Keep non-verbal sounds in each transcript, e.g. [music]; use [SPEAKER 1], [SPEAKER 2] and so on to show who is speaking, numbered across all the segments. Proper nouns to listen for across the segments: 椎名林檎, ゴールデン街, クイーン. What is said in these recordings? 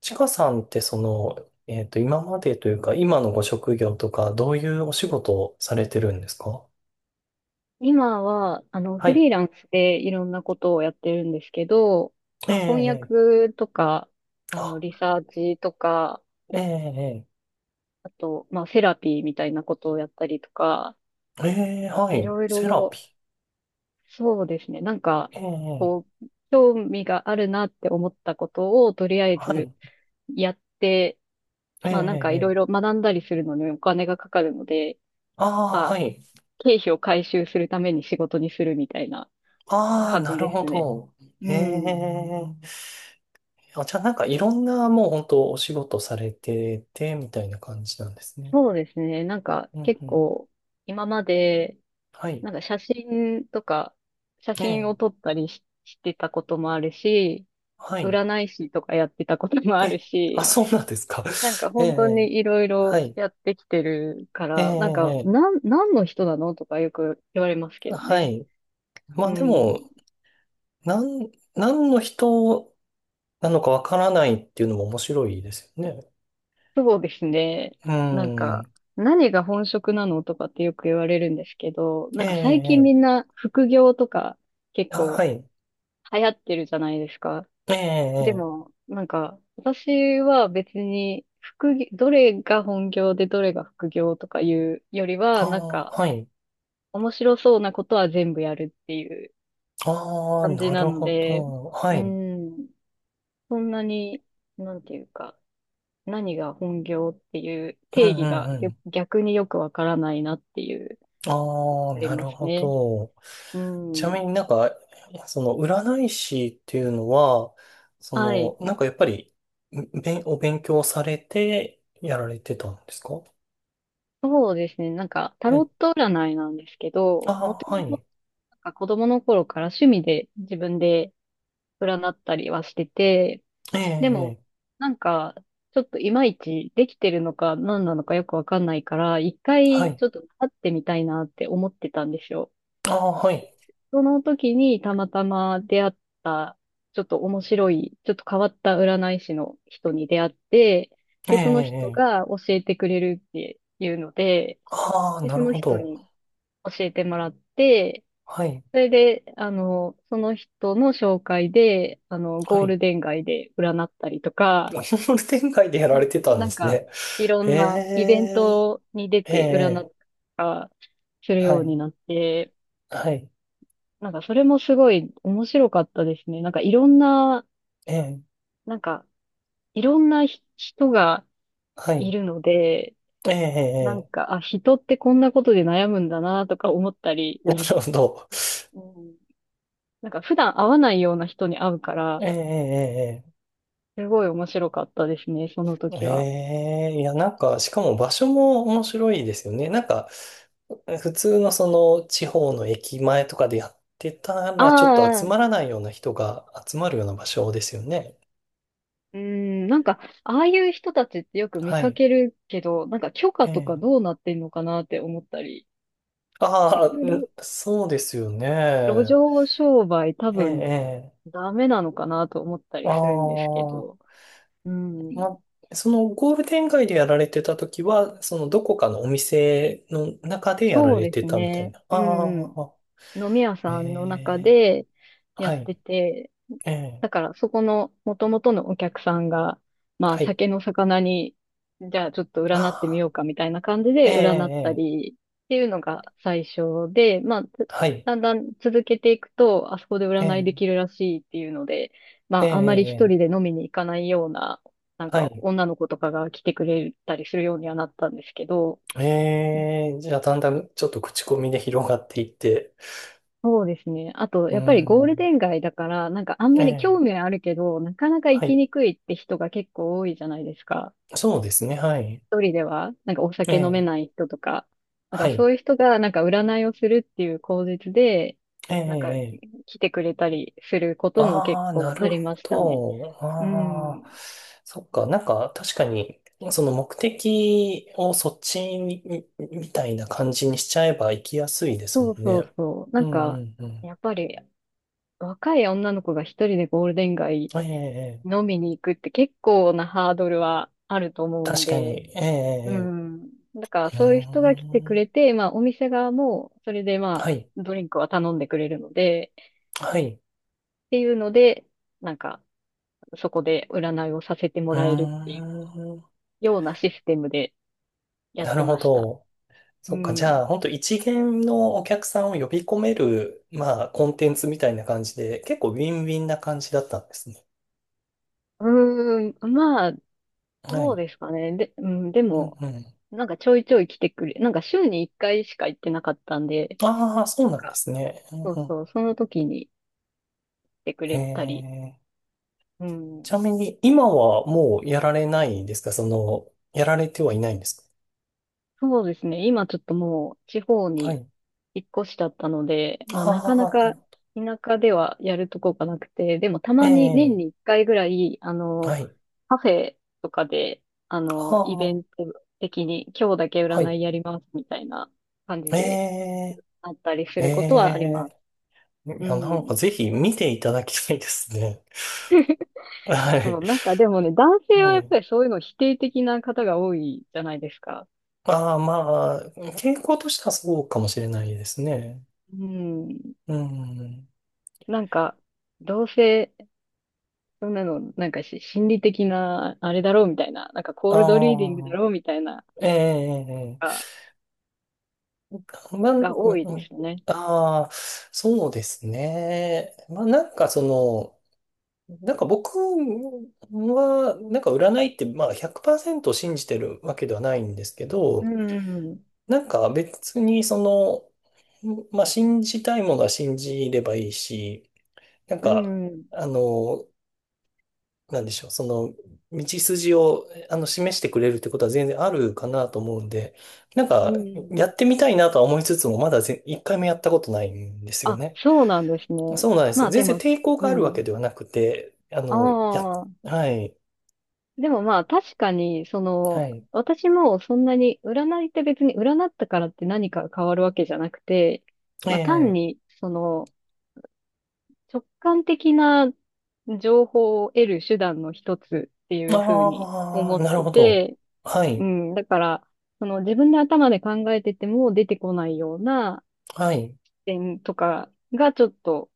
[SPEAKER 1] ちかさんって今までというか、今のご職業とか、どういうお仕事をされてるんですか？
[SPEAKER 2] 今は、
[SPEAKER 1] は
[SPEAKER 2] フリ
[SPEAKER 1] い。
[SPEAKER 2] ーランスでいろんなことをやってるんですけど、
[SPEAKER 1] え
[SPEAKER 2] まあ、翻
[SPEAKER 1] え、
[SPEAKER 2] 訳とか、
[SPEAKER 1] あ、
[SPEAKER 2] リサーチとか、
[SPEAKER 1] ええ、
[SPEAKER 2] あと、まあ、セラピーみたいなことをやったりとか、
[SPEAKER 1] ええ、は
[SPEAKER 2] い
[SPEAKER 1] い。
[SPEAKER 2] ろい
[SPEAKER 1] セラ
[SPEAKER 2] ろ、
[SPEAKER 1] ピー。
[SPEAKER 2] そうですね、なんか、
[SPEAKER 1] ええ、
[SPEAKER 2] こう、興味があるなって思ったことを、とりあえ
[SPEAKER 1] は
[SPEAKER 2] ず
[SPEAKER 1] い。
[SPEAKER 2] やって、
[SPEAKER 1] え
[SPEAKER 2] まあ、なんかいろい
[SPEAKER 1] え、え
[SPEAKER 2] ろ
[SPEAKER 1] え、
[SPEAKER 2] 学んだりするのにお金がかかるので、
[SPEAKER 1] ああ、
[SPEAKER 2] ま
[SPEAKER 1] は
[SPEAKER 2] あ、
[SPEAKER 1] い。
[SPEAKER 2] 経費を回収するために仕事にするみたいな
[SPEAKER 1] ああ、
[SPEAKER 2] 感じ
[SPEAKER 1] なる
[SPEAKER 2] で
[SPEAKER 1] ほ
[SPEAKER 2] すね。
[SPEAKER 1] ど。
[SPEAKER 2] う
[SPEAKER 1] え
[SPEAKER 2] ん。
[SPEAKER 1] え、あ、じゃあなんかいろんなもう本当お仕事されてて、みたいな感じなんですね。
[SPEAKER 2] そうですね。なんか
[SPEAKER 1] うん
[SPEAKER 2] 結
[SPEAKER 1] うん。
[SPEAKER 2] 構今まで、
[SPEAKER 1] はい。
[SPEAKER 2] なんか写真とか、写
[SPEAKER 1] え
[SPEAKER 2] 真
[SPEAKER 1] え、
[SPEAKER 2] を撮ったりしてたこともあるし、
[SPEAKER 1] はい。
[SPEAKER 2] 占い師とかやってたこともある
[SPEAKER 1] え、あ、
[SPEAKER 2] し、
[SPEAKER 1] そうなんですか。
[SPEAKER 2] なんか
[SPEAKER 1] [laughs] え
[SPEAKER 2] 本当
[SPEAKER 1] え、
[SPEAKER 2] にいろい
[SPEAKER 1] は
[SPEAKER 2] ろ
[SPEAKER 1] い。
[SPEAKER 2] やってきてるか
[SPEAKER 1] ええ、
[SPEAKER 2] ら、なんか、
[SPEAKER 1] え
[SPEAKER 2] 何の人なのとかよく言われます
[SPEAKER 1] え、
[SPEAKER 2] けど
[SPEAKER 1] は
[SPEAKER 2] ね。
[SPEAKER 1] い。ま
[SPEAKER 2] う
[SPEAKER 1] あで
[SPEAKER 2] ん。
[SPEAKER 1] も、何の人なのかわからないっていうのも面白いですよね。
[SPEAKER 2] そうですね。
[SPEAKER 1] う
[SPEAKER 2] なん
[SPEAKER 1] ん。
[SPEAKER 2] か、何が本職なのとかってよく言われるんですけど、
[SPEAKER 1] え
[SPEAKER 2] なんか最近
[SPEAKER 1] え、え
[SPEAKER 2] みん
[SPEAKER 1] え、
[SPEAKER 2] な副業とか結
[SPEAKER 1] あ、は
[SPEAKER 2] 構
[SPEAKER 1] い。
[SPEAKER 2] 流行ってるじゃないですか。
[SPEAKER 1] ええ、
[SPEAKER 2] で
[SPEAKER 1] ええ、
[SPEAKER 2] も、なんか、私は別に、副業、どれが本業でどれが副業とかいうより
[SPEAKER 1] あ
[SPEAKER 2] は、なん
[SPEAKER 1] あ、
[SPEAKER 2] か、
[SPEAKER 1] はい。
[SPEAKER 2] 面白そうなことは全部やるっていう
[SPEAKER 1] ああ、
[SPEAKER 2] 感じ
[SPEAKER 1] な
[SPEAKER 2] な
[SPEAKER 1] る
[SPEAKER 2] の
[SPEAKER 1] ほ
[SPEAKER 2] で、
[SPEAKER 1] ど。は
[SPEAKER 2] う
[SPEAKER 1] い。
[SPEAKER 2] ん、そんなに、なんていうか、何が本業っていう
[SPEAKER 1] う
[SPEAKER 2] 定
[SPEAKER 1] んう
[SPEAKER 2] 義
[SPEAKER 1] ん
[SPEAKER 2] が
[SPEAKER 1] う
[SPEAKER 2] よ
[SPEAKER 1] ん。
[SPEAKER 2] 逆によくわからないなっていう、
[SPEAKER 1] ああ、
[SPEAKER 2] あり
[SPEAKER 1] な
[SPEAKER 2] ま
[SPEAKER 1] る
[SPEAKER 2] す
[SPEAKER 1] ほ
[SPEAKER 2] ね。
[SPEAKER 1] ど。
[SPEAKER 2] う
[SPEAKER 1] ちなみ
[SPEAKER 2] ん。
[SPEAKER 1] になんか、その占い師っていうのは、そ
[SPEAKER 2] は
[SPEAKER 1] の、
[SPEAKER 2] い。
[SPEAKER 1] なんかやっぱり、お勉強されてやられてたんですか？
[SPEAKER 2] そうですね。なんか、タ
[SPEAKER 1] は
[SPEAKER 2] ロ
[SPEAKER 1] い。
[SPEAKER 2] ット占いなんですけど、も
[SPEAKER 1] ああ
[SPEAKER 2] と
[SPEAKER 1] ー、は
[SPEAKER 2] も
[SPEAKER 1] い。
[SPEAKER 2] なんか子供の頃から趣味で自分で占ったりはしてて、
[SPEAKER 1] ええ、
[SPEAKER 2] で
[SPEAKER 1] え
[SPEAKER 2] も、
[SPEAKER 1] え、
[SPEAKER 2] なんか、ちょっといまいちできてるのか何なのかよくわかんないから、一
[SPEAKER 1] は
[SPEAKER 2] 回
[SPEAKER 1] い。
[SPEAKER 2] ちょっと会ってみたいなって思ってたんですよ。
[SPEAKER 1] ああ、はい。
[SPEAKER 2] その時にたまたま出会った、ちょっと面白い、ちょっと変わった占い師の人に出会って、
[SPEAKER 1] ええ、
[SPEAKER 2] で、その人
[SPEAKER 1] ええ。
[SPEAKER 2] が教えてくれるっていうので、
[SPEAKER 1] ああ、
[SPEAKER 2] で、
[SPEAKER 1] な
[SPEAKER 2] そ
[SPEAKER 1] る
[SPEAKER 2] の
[SPEAKER 1] ほ
[SPEAKER 2] 人
[SPEAKER 1] ど。
[SPEAKER 2] に教えてもらって、
[SPEAKER 1] はい、
[SPEAKER 2] それで、その人の紹介で、ゴ
[SPEAKER 1] は
[SPEAKER 2] ー
[SPEAKER 1] い。
[SPEAKER 2] ルデン街で占ったりとか、
[SPEAKER 1] あホール展開でやられてたん
[SPEAKER 2] な
[SPEAKER 1] で
[SPEAKER 2] ん
[SPEAKER 1] す
[SPEAKER 2] か、
[SPEAKER 1] ね。
[SPEAKER 2] いろ
[SPEAKER 1] え
[SPEAKER 2] んなイベン
[SPEAKER 1] え、
[SPEAKER 2] トに出
[SPEAKER 1] え
[SPEAKER 2] て占ったり
[SPEAKER 1] え、
[SPEAKER 2] とかする
[SPEAKER 1] は
[SPEAKER 2] ように
[SPEAKER 1] い、
[SPEAKER 2] なって、
[SPEAKER 1] はい。
[SPEAKER 2] なんかそれもすごい面白かったですね。なんかいろんな、
[SPEAKER 1] ええ、
[SPEAKER 2] なんか、いろんな人が
[SPEAKER 1] は
[SPEAKER 2] い
[SPEAKER 1] い。
[SPEAKER 2] るので、
[SPEAKER 1] え
[SPEAKER 2] なん
[SPEAKER 1] え、え
[SPEAKER 2] か、あ、人ってこんなことで悩むんだなとか思ったり、
[SPEAKER 1] え、なるほど。
[SPEAKER 2] うん、なんか普段会わないような人に会うから、
[SPEAKER 1] ええ、ええ、ええ、
[SPEAKER 2] すごい面白かったですね、その
[SPEAKER 1] え
[SPEAKER 2] 時は。
[SPEAKER 1] え、いや、なんか、しかも場所も面白いですよね。なんか、普通のその地方の駅前とかでやってた
[SPEAKER 2] あ
[SPEAKER 1] ら、ちょっと集ま
[SPEAKER 2] あ、
[SPEAKER 1] らないような人が集まるような場所ですよね。
[SPEAKER 2] うん、なんか、ああいう人たちってよく見
[SPEAKER 1] は
[SPEAKER 2] か
[SPEAKER 1] い。
[SPEAKER 2] けるけど、なんか許
[SPEAKER 1] え
[SPEAKER 2] 可とかどう
[SPEAKER 1] え。
[SPEAKER 2] なってんのかなって思ったり、一
[SPEAKER 1] ああ、ん、
[SPEAKER 2] 応、
[SPEAKER 1] そうですよ
[SPEAKER 2] 路
[SPEAKER 1] ね。
[SPEAKER 2] 上商売多
[SPEAKER 1] ええ、
[SPEAKER 2] 分
[SPEAKER 1] ええ。
[SPEAKER 2] ダメなのかなと思った
[SPEAKER 1] あ
[SPEAKER 2] りするんですけど、
[SPEAKER 1] あ、
[SPEAKER 2] うん、
[SPEAKER 1] ま、そのゴールデン街でやられてた時は、そのどこかのお店の中でやら
[SPEAKER 2] そう
[SPEAKER 1] れ
[SPEAKER 2] で
[SPEAKER 1] て
[SPEAKER 2] す
[SPEAKER 1] たみたい
[SPEAKER 2] ね。
[SPEAKER 1] な。
[SPEAKER 2] う
[SPEAKER 1] あ
[SPEAKER 2] ん、う
[SPEAKER 1] あ、
[SPEAKER 2] ん。飲み屋
[SPEAKER 1] え
[SPEAKER 2] さんの中
[SPEAKER 1] え、
[SPEAKER 2] でや
[SPEAKER 1] は
[SPEAKER 2] っ
[SPEAKER 1] い。
[SPEAKER 2] てて、
[SPEAKER 1] ええ。
[SPEAKER 2] だから、そこの元々のお客さんが、まあ、
[SPEAKER 1] はい、
[SPEAKER 2] 酒の魚に、じゃあちょっと
[SPEAKER 1] あ
[SPEAKER 2] 占ってみよ
[SPEAKER 1] あ、
[SPEAKER 2] うかみたいな感じ
[SPEAKER 1] ええ、
[SPEAKER 2] で占った
[SPEAKER 1] ええ、
[SPEAKER 2] りっていうのが最初で、まあ、つ
[SPEAKER 1] はい。
[SPEAKER 2] だんだん続けていくと、あそこで
[SPEAKER 1] え
[SPEAKER 2] 占い
[SPEAKER 1] え、
[SPEAKER 2] できるらしいっていうので、ま
[SPEAKER 1] え
[SPEAKER 2] あ、あんまり一
[SPEAKER 1] え、
[SPEAKER 2] 人
[SPEAKER 1] え
[SPEAKER 2] で
[SPEAKER 1] え、
[SPEAKER 2] 飲みに行かないような、なん
[SPEAKER 1] は
[SPEAKER 2] か
[SPEAKER 1] い。
[SPEAKER 2] 女の子とかが来てくれたりするようにはなったんですけど、
[SPEAKER 1] ええ、じゃあ、だんだんちょっと口コミで広がっていって。
[SPEAKER 2] そうですね。あと、
[SPEAKER 1] う
[SPEAKER 2] やっぱりゴール
[SPEAKER 1] ん。
[SPEAKER 2] デン街だから、なんかあん
[SPEAKER 1] え
[SPEAKER 2] まり興
[SPEAKER 1] え、
[SPEAKER 2] 味はあるけど、なかなか行
[SPEAKER 1] は
[SPEAKER 2] き
[SPEAKER 1] い。
[SPEAKER 2] にくいって人が結構多いじゃないですか。
[SPEAKER 1] そうですね、はい。
[SPEAKER 2] 一人では、なんかお
[SPEAKER 1] え
[SPEAKER 2] 酒飲め
[SPEAKER 1] え、
[SPEAKER 2] ない人とか、なん
[SPEAKER 1] は
[SPEAKER 2] か
[SPEAKER 1] い。
[SPEAKER 2] そういう人が、なんか占いをするっていう口実で、
[SPEAKER 1] ええ、
[SPEAKER 2] なんか
[SPEAKER 1] え、
[SPEAKER 2] 来てくれたりすることも結
[SPEAKER 1] ああ、な
[SPEAKER 2] 構あ
[SPEAKER 1] る
[SPEAKER 2] り
[SPEAKER 1] ほ
[SPEAKER 2] ましたね。
[SPEAKER 1] ど。
[SPEAKER 2] う
[SPEAKER 1] ああ、
[SPEAKER 2] ん。
[SPEAKER 1] そっか。なんか、確かに、その目的をそっちに、みたいな感じにしちゃえば行きやすいですも
[SPEAKER 2] そう
[SPEAKER 1] ん
[SPEAKER 2] そう
[SPEAKER 1] ね。
[SPEAKER 2] そう。な
[SPEAKER 1] う
[SPEAKER 2] ん
[SPEAKER 1] ん、う
[SPEAKER 2] か、
[SPEAKER 1] ん、うん。
[SPEAKER 2] やっぱり若い女の子が一人でゴールデン街
[SPEAKER 1] ええ、ええ。
[SPEAKER 2] 飲みに行くって結構なハードルはあると思うん
[SPEAKER 1] 確か
[SPEAKER 2] で、
[SPEAKER 1] に。え
[SPEAKER 2] う
[SPEAKER 1] え、
[SPEAKER 2] ん。だから
[SPEAKER 1] ええ、うー
[SPEAKER 2] そういう人が来てく
[SPEAKER 1] ん。
[SPEAKER 2] れて、まあお店側もそれで
[SPEAKER 1] は
[SPEAKER 2] まあ
[SPEAKER 1] い、
[SPEAKER 2] ドリンクは頼んでくれるので、
[SPEAKER 1] はい。
[SPEAKER 2] っていうので、なんかそこで占いをさせても
[SPEAKER 1] うー
[SPEAKER 2] らえるってい
[SPEAKER 1] ん。
[SPEAKER 2] うようなシステムでやっ
[SPEAKER 1] なる
[SPEAKER 2] て
[SPEAKER 1] ほ
[SPEAKER 2] ました。
[SPEAKER 1] ど。
[SPEAKER 2] う
[SPEAKER 1] そっか、じゃ
[SPEAKER 2] ん。
[SPEAKER 1] あ、本当一元のお客さんを呼び込める、まあ、コンテンツみたいな感じで、結構ウィンウィンな感じだったんですね。
[SPEAKER 2] うーん、まあ、
[SPEAKER 1] は
[SPEAKER 2] そう
[SPEAKER 1] い。
[SPEAKER 2] ですかね。で、うん、で
[SPEAKER 1] うん
[SPEAKER 2] も、
[SPEAKER 1] うん。
[SPEAKER 2] なんかちょいちょい来てくれ、なんか週に一回しか行ってなかったんで、
[SPEAKER 1] ああ、そう
[SPEAKER 2] なん
[SPEAKER 1] なんで
[SPEAKER 2] か、
[SPEAKER 1] すね。うん
[SPEAKER 2] そ
[SPEAKER 1] う
[SPEAKER 2] う
[SPEAKER 1] ん。
[SPEAKER 2] そう、その時に来てく
[SPEAKER 1] え
[SPEAKER 2] れたり、
[SPEAKER 1] え、
[SPEAKER 2] う
[SPEAKER 1] ち
[SPEAKER 2] ん、
[SPEAKER 1] なみに、今はもうやられないんですか？その、やられてはいないんです
[SPEAKER 2] そうですね。今ちょっともう地方
[SPEAKER 1] か？は
[SPEAKER 2] に
[SPEAKER 1] い。
[SPEAKER 2] 引っ越しだったので、まあ
[SPEAKER 1] あ
[SPEAKER 2] なかな
[SPEAKER 1] あ、な
[SPEAKER 2] か
[SPEAKER 1] るほ
[SPEAKER 2] 田舎ではやるとこがなくて、でもた
[SPEAKER 1] ど。え
[SPEAKER 2] まに年
[SPEAKER 1] え、
[SPEAKER 2] に一回ぐらい、
[SPEAKER 1] はい。
[SPEAKER 2] カフェとかで、
[SPEAKER 1] あ
[SPEAKER 2] イベ
[SPEAKER 1] あ、
[SPEAKER 2] ント的に今日だけ
[SPEAKER 1] は
[SPEAKER 2] 占
[SPEAKER 1] い。
[SPEAKER 2] いやりますみたいな感じ
[SPEAKER 1] え
[SPEAKER 2] で
[SPEAKER 1] え、
[SPEAKER 2] あったりす
[SPEAKER 1] え
[SPEAKER 2] ることはあります。
[SPEAKER 1] え、い
[SPEAKER 2] う
[SPEAKER 1] や、なん
[SPEAKER 2] ん。
[SPEAKER 1] かぜひ見ていただきたいですね。[laughs] は
[SPEAKER 2] そ
[SPEAKER 1] い。
[SPEAKER 2] う、なんかでもね、男
[SPEAKER 1] え
[SPEAKER 2] 性はやっ
[SPEAKER 1] え、
[SPEAKER 2] ぱりそういうの否定的な方が多いじゃないですか。
[SPEAKER 1] ああ、まあ、傾向としてはそうかもしれないですね。
[SPEAKER 2] うん。
[SPEAKER 1] うん。
[SPEAKER 2] なんか、どうせ、そんなの、なんか心理的な、あれだろうみたいな、なんかコールドリーディング
[SPEAKER 1] あ
[SPEAKER 2] だ
[SPEAKER 1] あ、
[SPEAKER 2] ろうみたいな、
[SPEAKER 1] ええ、え
[SPEAKER 2] が、
[SPEAKER 1] え、まあ、うん
[SPEAKER 2] が多い
[SPEAKER 1] う
[SPEAKER 2] で
[SPEAKER 1] ん、
[SPEAKER 2] すよね。
[SPEAKER 1] ああ、そうですね。まあ、なんかその、なんか僕は、なんか占いって、まあ100%信じてるわけではないんですけ
[SPEAKER 2] う
[SPEAKER 1] ど、
[SPEAKER 2] ん。
[SPEAKER 1] なんか別にその、まあ、信じたいものは信じればいいし、なん
[SPEAKER 2] う
[SPEAKER 1] か、
[SPEAKER 2] ん。
[SPEAKER 1] あの、なんでしょう、その、道筋を、あの、示してくれるってことは全然あるかなと思うんで、なん
[SPEAKER 2] う
[SPEAKER 1] か、
[SPEAKER 2] ん。
[SPEAKER 1] やってみたいなとは思いつつも、まだ一回もやったことないんですよ
[SPEAKER 2] あ、
[SPEAKER 1] ね。
[SPEAKER 2] そうなんですね。
[SPEAKER 1] そうなんです
[SPEAKER 2] ま
[SPEAKER 1] よ。
[SPEAKER 2] あ
[SPEAKER 1] 全
[SPEAKER 2] で
[SPEAKER 1] 然
[SPEAKER 2] も、
[SPEAKER 1] 抵抗が
[SPEAKER 2] う
[SPEAKER 1] あるわけ
[SPEAKER 2] ん。
[SPEAKER 1] ではなくて、あ
[SPEAKER 2] あ
[SPEAKER 1] の、や、
[SPEAKER 2] あ、
[SPEAKER 1] はい、
[SPEAKER 2] でもまあ確かに、そ
[SPEAKER 1] は
[SPEAKER 2] の、
[SPEAKER 1] い、
[SPEAKER 2] 私もそんなに、占いって別に占ったからって何か変わるわけじゃなくて、まあ単
[SPEAKER 1] ええ、
[SPEAKER 2] に、その、直感的な情報を得る手段の一つっていうふうに
[SPEAKER 1] ああ、
[SPEAKER 2] 思っ
[SPEAKER 1] なる
[SPEAKER 2] て
[SPEAKER 1] ほど。
[SPEAKER 2] て、
[SPEAKER 1] は
[SPEAKER 2] う
[SPEAKER 1] い、
[SPEAKER 2] ん、だから、その自分で頭で考えてても出てこないような、
[SPEAKER 1] はい、
[SPEAKER 2] 点とかがちょっと、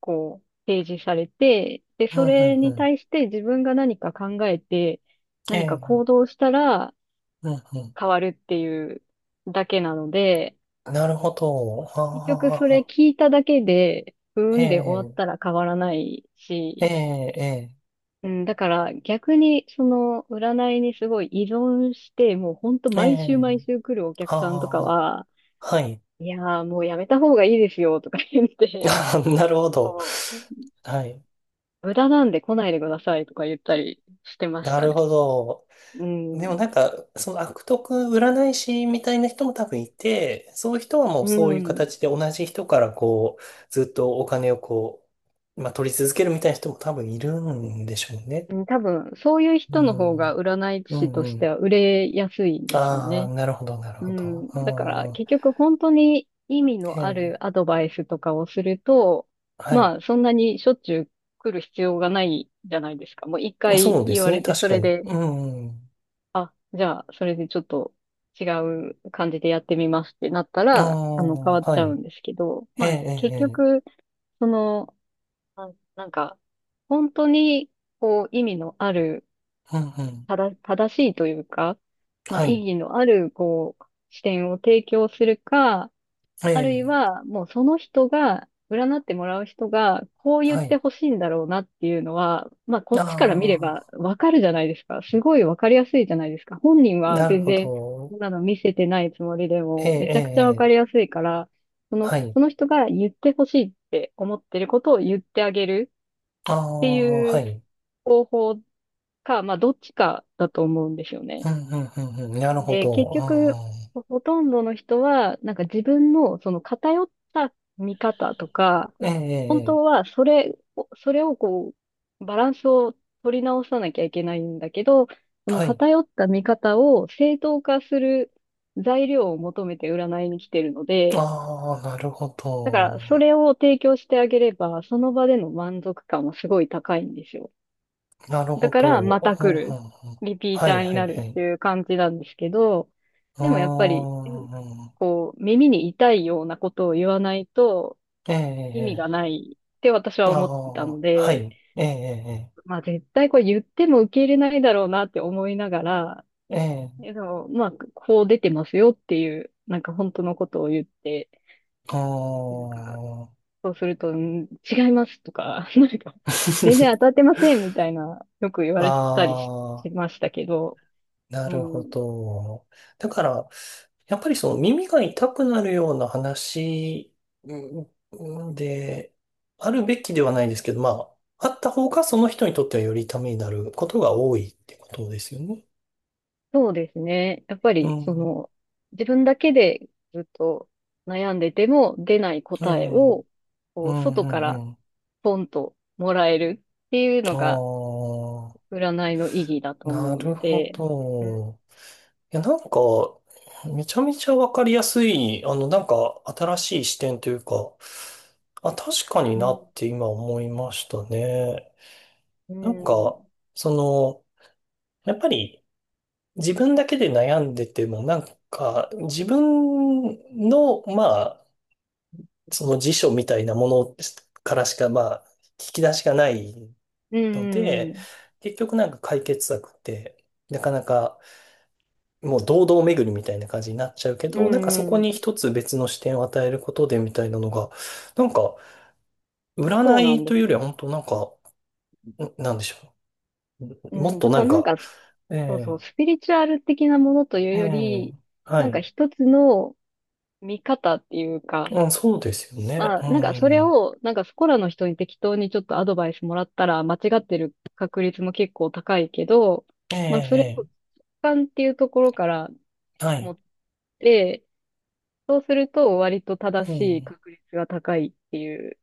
[SPEAKER 2] こう、提示されて、で、
[SPEAKER 1] うん、う
[SPEAKER 2] それ
[SPEAKER 1] ん、う
[SPEAKER 2] に
[SPEAKER 1] ん、
[SPEAKER 2] 対して自分が何か考えて、何か
[SPEAKER 1] ええ、
[SPEAKER 2] 行動したら
[SPEAKER 1] うん、うん。
[SPEAKER 2] 変わるっていうだけなので、
[SPEAKER 1] なるほど。
[SPEAKER 2] 結局それ
[SPEAKER 1] ああ、
[SPEAKER 2] 聞いただけで、うー
[SPEAKER 1] え
[SPEAKER 2] んで終わっ
[SPEAKER 1] え、
[SPEAKER 2] たら変わらない
[SPEAKER 1] ええ、
[SPEAKER 2] し、
[SPEAKER 1] え
[SPEAKER 2] うん、だから逆にその占いにすごい依存して、もうほんと
[SPEAKER 1] え、え
[SPEAKER 2] 毎週
[SPEAKER 1] え、
[SPEAKER 2] 毎週来るお客さんとか
[SPEAKER 1] あ
[SPEAKER 2] は、
[SPEAKER 1] あ、はい。
[SPEAKER 2] いやーもうやめた方がいいですよとか言っ
[SPEAKER 1] [laughs]
[SPEAKER 2] て、
[SPEAKER 1] あー、なるほど。はい。
[SPEAKER 2] 無駄なんで来ないでくださいとか言ったりしてまし
[SPEAKER 1] な
[SPEAKER 2] た
[SPEAKER 1] る
[SPEAKER 2] ね。
[SPEAKER 1] ほど。
[SPEAKER 2] う
[SPEAKER 1] でも
[SPEAKER 2] ん。
[SPEAKER 1] なんか、その悪徳占い師みたいな人も多分いて、そういう人はもう
[SPEAKER 2] う
[SPEAKER 1] そういう
[SPEAKER 2] ん。
[SPEAKER 1] 形で同じ人からこう、ずっとお金をこう、まあ取り続けるみたいな人も多分いるんでしょうね。
[SPEAKER 2] うん。多分、そういう
[SPEAKER 1] う
[SPEAKER 2] 人の方が
[SPEAKER 1] ん。
[SPEAKER 2] 占い
[SPEAKER 1] う
[SPEAKER 2] 師
[SPEAKER 1] ん
[SPEAKER 2] と
[SPEAKER 1] う
[SPEAKER 2] して
[SPEAKER 1] ん。
[SPEAKER 2] は売れやすいんですよ
[SPEAKER 1] ああ、
[SPEAKER 2] ね。
[SPEAKER 1] なるほど、なる
[SPEAKER 2] う
[SPEAKER 1] ほど。
[SPEAKER 2] ん。だから、
[SPEAKER 1] う
[SPEAKER 2] 結局本当に意味
[SPEAKER 1] ん。え
[SPEAKER 2] のある
[SPEAKER 1] え。
[SPEAKER 2] アドバイスとかをすると、
[SPEAKER 1] はい。
[SPEAKER 2] まあ、そんなにしょっちゅう来る必要がないじゃないですか。もう一回
[SPEAKER 1] そうで
[SPEAKER 2] 言
[SPEAKER 1] す
[SPEAKER 2] わ
[SPEAKER 1] ね、
[SPEAKER 2] れて、
[SPEAKER 1] 確
[SPEAKER 2] そ
[SPEAKER 1] か
[SPEAKER 2] れ
[SPEAKER 1] に。
[SPEAKER 2] で、
[SPEAKER 1] うん、
[SPEAKER 2] あ、じゃあ、それでちょっと違う感じでやってみますってなった
[SPEAKER 1] あ
[SPEAKER 2] ら、変
[SPEAKER 1] あ、
[SPEAKER 2] わっち
[SPEAKER 1] は
[SPEAKER 2] ゃう
[SPEAKER 1] い。
[SPEAKER 2] んですけど、
[SPEAKER 1] ええ、え
[SPEAKER 2] まあ、
[SPEAKER 1] え、え
[SPEAKER 2] 結
[SPEAKER 1] え、
[SPEAKER 2] 局、その、なんか、本当に、こう、意味のある、
[SPEAKER 1] うん、うん。
[SPEAKER 2] ただ、正しいというか、まあ、
[SPEAKER 1] は
[SPEAKER 2] 意
[SPEAKER 1] い。
[SPEAKER 2] 義のある、こう、視点を提供するか、
[SPEAKER 1] え
[SPEAKER 2] あるい
[SPEAKER 1] え、
[SPEAKER 2] は、もうその人が、占ってもらう人が、こう言っ
[SPEAKER 1] は
[SPEAKER 2] て
[SPEAKER 1] い。
[SPEAKER 2] ほしいんだろうなっていうのは、まあ、こ
[SPEAKER 1] あ
[SPEAKER 2] っちから見れば
[SPEAKER 1] あ、
[SPEAKER 2] わかるじゃないですか。すごいわかりやすいじゃないですか。本人は
[SPEAKER 1] なる
[SPEAKER 2] 全
[SPEAKER 1] ほ
[SPEAKER 2] 然、
[SPEAKER 1] ど。
[SPEAKER 2] そんなの見せてないつもりで
[SPEAKER 1] ええ、
[SPEAKER 2] も、め
[SPEAKER 1] え
[SPEAKER 2] ちゃくちゃ
[SPEAKER 1] え、
[SPEAKER 2] わか
[SPEAKER 1] え
[SPEAKER 2] り
[SPEAKER 1] え、
[SPEAKER 2] やすいから、その、
[SPEAKER 1] はい。
[SPEAKER 2] その人が言ってほしいって思ってることを言ってあげる
[SPEAKER 1] あ
[SPEAKER 2] って
[SPEAKER 1] あ、
[SPEAKER 2] い
[SPEAKER 1] は
[SPEAKER 2] う
[SPEAKER 1] い。
[SPEAKER 2] 方法か、まあ、どっちかだと思うんですよ
[SPEAKER 1] う
[SPEAKER 2] ね。
[SPEAKER 1] ん、うん、うん、うん。なるほ
[SPEAKER 2] で、
[SPEAKER 1] ど。
[SPEAKER 2] 結
[SPEAKER 1] う
[SPEAKER 2] 局、
[SPEAKER 1] ん、うん、
[SPEAKER 2] ほとんどの人は、なんか自分のその偏った見方とか、
[SPEAKER 1] ええ、ええ、
[SPEAKER 2] 本当
[SPEAKER 1] ええ、
[SPEAKER 2] はそれをこう、バランスを取り直さなきゃいけないんだけど、その
[SPEAKER 1] はい。
[SPEAKER 2] 偏った見方を正当化する材料を求めて占いに来てるので、
[SPEAKER 1] ああ、なるほ
[SPEAKER 2] だから
[SPEAKER 1] ど。
[SPEAKER 2] それを提供してあげれば、その場での満足感もすごい高いんですよ。
[SPEAKER 1] なるほ
[SPEAKER 2] だから、
[SPEAKER 1] ど。
[SPEAKER 2] また
[SPEAKER 1] うん、う
[SPEAKER 2] 来る。
[SPEAKER 1] ん、うん、
[SPEAKER 2] リピー
[SPEAKER 1] は
[SPEAKER 2] タ
[SPEAKER 1] い、
[SPEAKER 2] ーに
[SPEAKER 1] はい、
[SPEAKER 2] な
[SPEAKER 1] は
[SPEAKER 2] るっ
[SPEAKER 1] い。
[SPEAKER 2] ていう感じなんですけど、
[SPEAKER 1] うー
[SPEAKER 2] でもやっぱり、
[SPEAKER 1] ん、
[SPEAKER 2] こう、耳に痛いようなことを言わないと
[SPEAKER 1] ええ、え
[SPEAKER 2] 意味がな
[SPEAKER 1] え、
[SPEAKER 2] いって私
[SPEAKER 1] え
[SPEAKER 2] は
[SPEAKER 1] え、あ
[SPEAKER 2] 思ってたの
[SPEAKER 1] あ、は
[SPEAKER 2] で、
[SPEAKER 1] い。ええ、え
[SPEAKER 2] まあ絶対これ言っても受け入れないだろうなって思いながら、
[SPEAKER 1] え、ええ、ええ、
[SPEAKER 2] でも、まあ、こう出てますよっていう、なんか本当のことを言って、
[SPEAKER 1] あ
[SPEAKER 2] なんか、
[SPEAKER 1] ー、
[SPEAKER 2] そうすると、違いますとか、[laughs] なんか、全然当
[SPEAKER 1] [laughs]
[SPEAKER 2] たってませんみたいな、よく言わ
[SPEAKER 1] あ
[SPEAKER 2] れたりしましたけど、
[SPEAKER 1] ー、な
[SPEAKER 2] う
[SPEAKER 1] るほ
[SPEAKER 2] ん。
[SPEAKER 1] ど。だから、やっぱりその耳が痛くなるような話、うんうんで、あるべきではないですけど、まあ、あった方がその人にとってはよりためになることが多いってことですよね。
[SPEAKER 2] そうですね。やっぱ
[SPEAKER 1] う
[SPEAKER 2] り、そ
[SPEAKER 1] ん。
[SPEAKER 2] の、自分だけでずっと悩んでても出ない
[SPEAKER 1] え
[SPEAKER 2] 答え
[SPEAKER 1] え。
[SPEAKER 2] を、
[SPEAKER 1] う
[SPEAKER 2] こう、
[SPEAKER 1] ん
[SPEAKER 2] 外
[SPEAKER 1] う
[SPEAKER 2] か
[SPEAKER 1] んう
[SPEAKER 2] ら
[SPEAKER 1] ん。
[SPEAKER 2] ポンともらえるっていうのが、
[SPEAKER 1] ああ、
[SPEAKER 2] 占いの意義だと
[SPEAKER 1] な
[SPEAKER 2] 思う
[SPEAKER 1] る
[SPEAKER 2] の
[SPEAKER 1] ほ
[SPEAKER 2] で、うん、
[SPEAKER 1] ど。いや、なんか、めちゃめちゃわかりやすい、あの、なんか、新しい視点というか、あ、確かに
[SPEAKER 2] う
[SPEAKER 1] な
[SPEAKER 2] ん、
[SPEAKER 1] って今思いましたね。
[SPEAKER 2] う
[SPEAKER 1] なん
[SPEAKER 2] ん、
[SPEAKER 1] か、その、やっぱり自分だけで悩んでても、なんか、自分の、まあ、その辞書みたいなものからしか、まあ、引き出しがない
[SPEAKER 2] う
[SPEAKER 1] ので、
[SPEAKER 2] ん、
[SPEAKER 1] 結局なんか解決策って、なかなかもう堂々巡りみたいな感じになっちゃうけ
[SPEAKER 2] う
[SPEAKER 1] ど、なんかそこ
[SPEAKER 2] ん、う
[SPEAKER 1] に
[SPEAKER 2] ん、
[SPEAKER 1] 一つ別の視点を与えることでみたいなのが、なんか占
[SPEAKER 2] そうな
[SPEAKER 1] い
[SPEAKER 2] んで
[SPEAKER 1] というよ
[SPEAKER 2] す
[SPEAKER 1] りは
[SPEAKER 2] よ。
[SPEAKER 1] 本当なんか、なんでしょ
[SPEAKER 2] う
[SPEAKER 1] う。もっ
[SPEAKER 2] ん、
[SPEAKER 1] と
[SPEAKER 2] だ
[SPEAKER 1] な
[SPEAKER 2] から
[SPEAKER 1] ん
[SPEAKER 2] なん
[SPEAKER 1] か、
[SPEAKER 2] か、
[SPEAKER 1] え
[SPEAKER 2] そうそう、
[SPEAKER 1] え
[SPEAKER 2] スピリチュアル的なものという
[SPEAKER 1] え
[SPEAKER 2] よ
[SPEAKER 1] え、
[SPEAKER 2] り、
[SPEAKER 1] は
[SPEAKER 2] なんか
[SPEAKER 1] い。
[SPEAKER 2] 一つの見方っていうか、
[SPEAKER 1] うん、そうですよね。
[SPEAKER 2] ま
[SPEAKER 1] う
[SPEAKER 2] あ、なんかそれ
[SPEAKER 1] ん。
[SPEAKER 2] を、なんかそこらの人に適当にちょっとアドバイスもらったら間違ってる確率も結構高いけど、
[SPEAKER 1] え
[SPEAKER 2] まあそれを直
[SPEAKER 1] ええ
[SPEAKER 2] 感っていうところから
[SPEAKER 1] え、は
[SPEAKER 2] 持
[SPEAKER 1] い。
[SPEAKER 2] って、そうすると割と
[SPEAKER 1] う
[SPEAKER 2] 正しい
[SPEAKER 1] ん。
[SPEAKER 2] 確率が高いっていう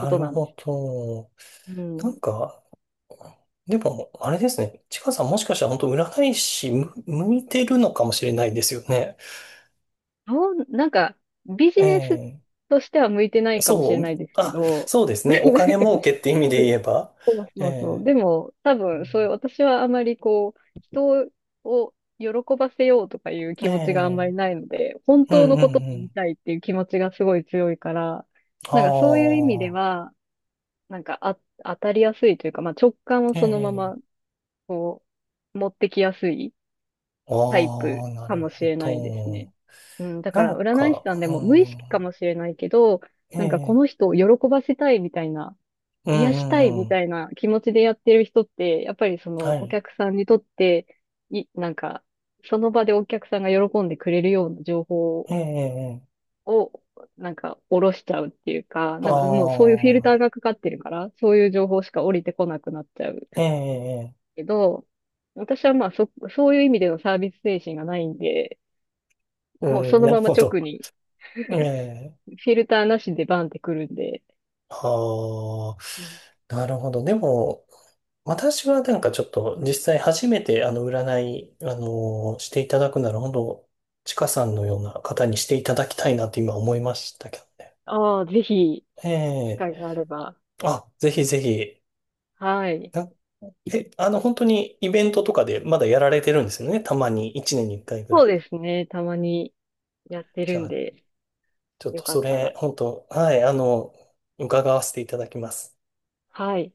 [SPEAKER 2] こと
[SPEAKER 1] る
[SPEAKER 2] なんで
[SPEAKER 1] ほ
[SPEAKER 2] す。
[SPEAKER 1] ど。
[SPEAKER 2] う
[SPEAKER 1] なん
[SPEAKER 2] ん。
[SPEAKER 1] か、でも、あれですね。ちかさんもしかしたら本当占い師向いてるのかもしれないですよね。
[SPEAKER 2] なんかビジネス
[SPEAKER 1] ええ、
[SPEAKER 2] としては向いてないかもしれ
[SPEAKER 1] そう、
[SPEAKER 2] ないですけ
[SPEAKER 1] あ、
[SPEAKER 2] ど、
[SPEAKER 1] そうですね。お金儲け
[SPEAKER 2] [laughs]
[SPEAKER 1] って意味で言えば。
[SPEAKER 2] そ
[SPEAKER 1] え
[SPEAKER 2] うそう。で
[SPEAKER 1] え、
[SPEAKER 2] も、多
[SPEAKER 1] う
[SPEAKER 2] 分、そういう、私はあまりこう、人を喜ばせようとかいう
[SPEAKER 1] ん、
[SPEAKER 2] 気持ちがあんま
[SPEAKER 1] え
[SPEAKER 2] りないので、本
[SPEAKER 1] え、う
[SPEAKER 2] 当
[SPEAKER 1] んう
[SPEAKER 2] の
[SPEAKER 1] ん
[SPEAKER 2] ことを
[SPEAKER 1] う
[SPEAKER 2] 言い
[SPEAKER 1] ん。
[SPEAKER 2] たいっていう気持ちがすごい強いから、
[SPEAKER 1] あ
[SPEAKER 2] なんかそういう意味では、なんかあ、当たりやすいというか、まあ直感を
[SPEAKER 1] あ、え
[SPEAKER 2] そのまま、
[SPEAKER 1] え、
[SPEAKER 2] こう、持ってきやすいタイ
[SPEAKER 1] あ
[SPEAKER 2] プ
[SPEAKER 1] あ、な
[SPEAKER 2] か
[SPEAKER 1] る
[SPEAKER 2] もし
[SPEAKER 1] ほ
[SPEAKER 2] れないですね。
[SPEAKER 1] ど。
[SPEAKER 2] うん、だか
[SPEAKER 1] な
[SPEAKER 2] ら
[SPEAKER 1] ん
[SPEAKER 2] 占い師
[SPEAKER 1] か、
[SPEAKER 2] さんで
[SPEAKER 1] う
[SPEAKER 2] も無意識か
[SPEAKER 1] ん、
[SPEAKER 2] もしれないけど、
[SPEAKER 1] え
[SPEAKER 2] なんかこ
[SPEAKER 1] え、
[SPEAKER 2] の人を喜ばせたいみたいな
[SPEAKER 1] う
[SPEAKER 2] 癒
[SPEAKER 1] ん
[SPEAKER 2] した
[SPEAKER 1] う
[SPEAKER 2] いみ
[SPEAKER 1] んうん。
[SPEAKER 2] たいな気持ちでやってる人って、やっぱりそ
[SPEAKER 1] は
[SPEAKER 2] のお
[SPEAKER 1] い。
[SPEAKER 2] 客さんにとって、なんか、その場でお客さんが喜んでくれるような情報
[SPEAKER 1] ええ、
[SPEAKER 2] を、なんか、下ろしちゃうっていうか、なんかもうそうい
[SPEAKER 1] あ
[SPEAKER 2] うフィルター
[SPEAKER 1] あ、
[SPEAKER 2] がかかってるから、そういう情報しか降りてこなくなっちゃう
[SPEAKER 1] ええ、
[SPEAKER 2] けど、私はまあそういう意味でのサービス精神がないんで、
[SPEAKER 1] う
[SPEAKER 2] もうそ
[SPEAKER 1] ん、
[SPEAKER 2] の
[SPEAKER 1] なる
[SPEAKER 2] まま
[SPEAKER 1] ほど。
[SPEAKER 2] 直に
[SPEAKER 1] ええ、
[SPEAKER 2] フィルターなしでバンってくるんで、
[SPEAKER 1] あ
[SPEAKER 2] うん。
[SPEAKER 1] あ、なるほど。でも、私はなんかちょっと実際初めてあの占い、していただくなら本当、ちかさんのような方にしていただきたいなって今思いましたけどね。
[SPEAKER 2] ああ、ぜひ、
[SPEAKER 1] え
[SPEAKER 2] 機
[SPEAKER 1] え、
[SPEAKER 2] 会があれば。
[SPEAKER 1] あ、ぜひぜひ。
[SPEAKER 2] はい。
[SPEAKER 1] なあの本当にイベントとかでまだやられてるんですよね。たまに1年に1回ぐら
[SPEAKER 2] そう
[SPEAKER 1] い。
[SPEAKER 2] ですね、たまに。やって
[SPEAKER 1] じ
[SPEAKER 2] る
[SPEAKER 1] ゃ
[SPEAKER 2] ん
[SPEAKER 1] あ、
[SPEAKER 2] で、
[SPEAKER 1] ちょっ
[SPEAKER 2] よ
[SPEAKER 1] と
[SPEAKER 2] か
[SPEAKER 1] そ
[SPEAKER 2] った
[SPEAKER 1] れ、
[SPEAKER 2] ら。
[SPEAKER 1] 本当、はい、あの、伺わせていただきます。
[SPEAKER 2] はい。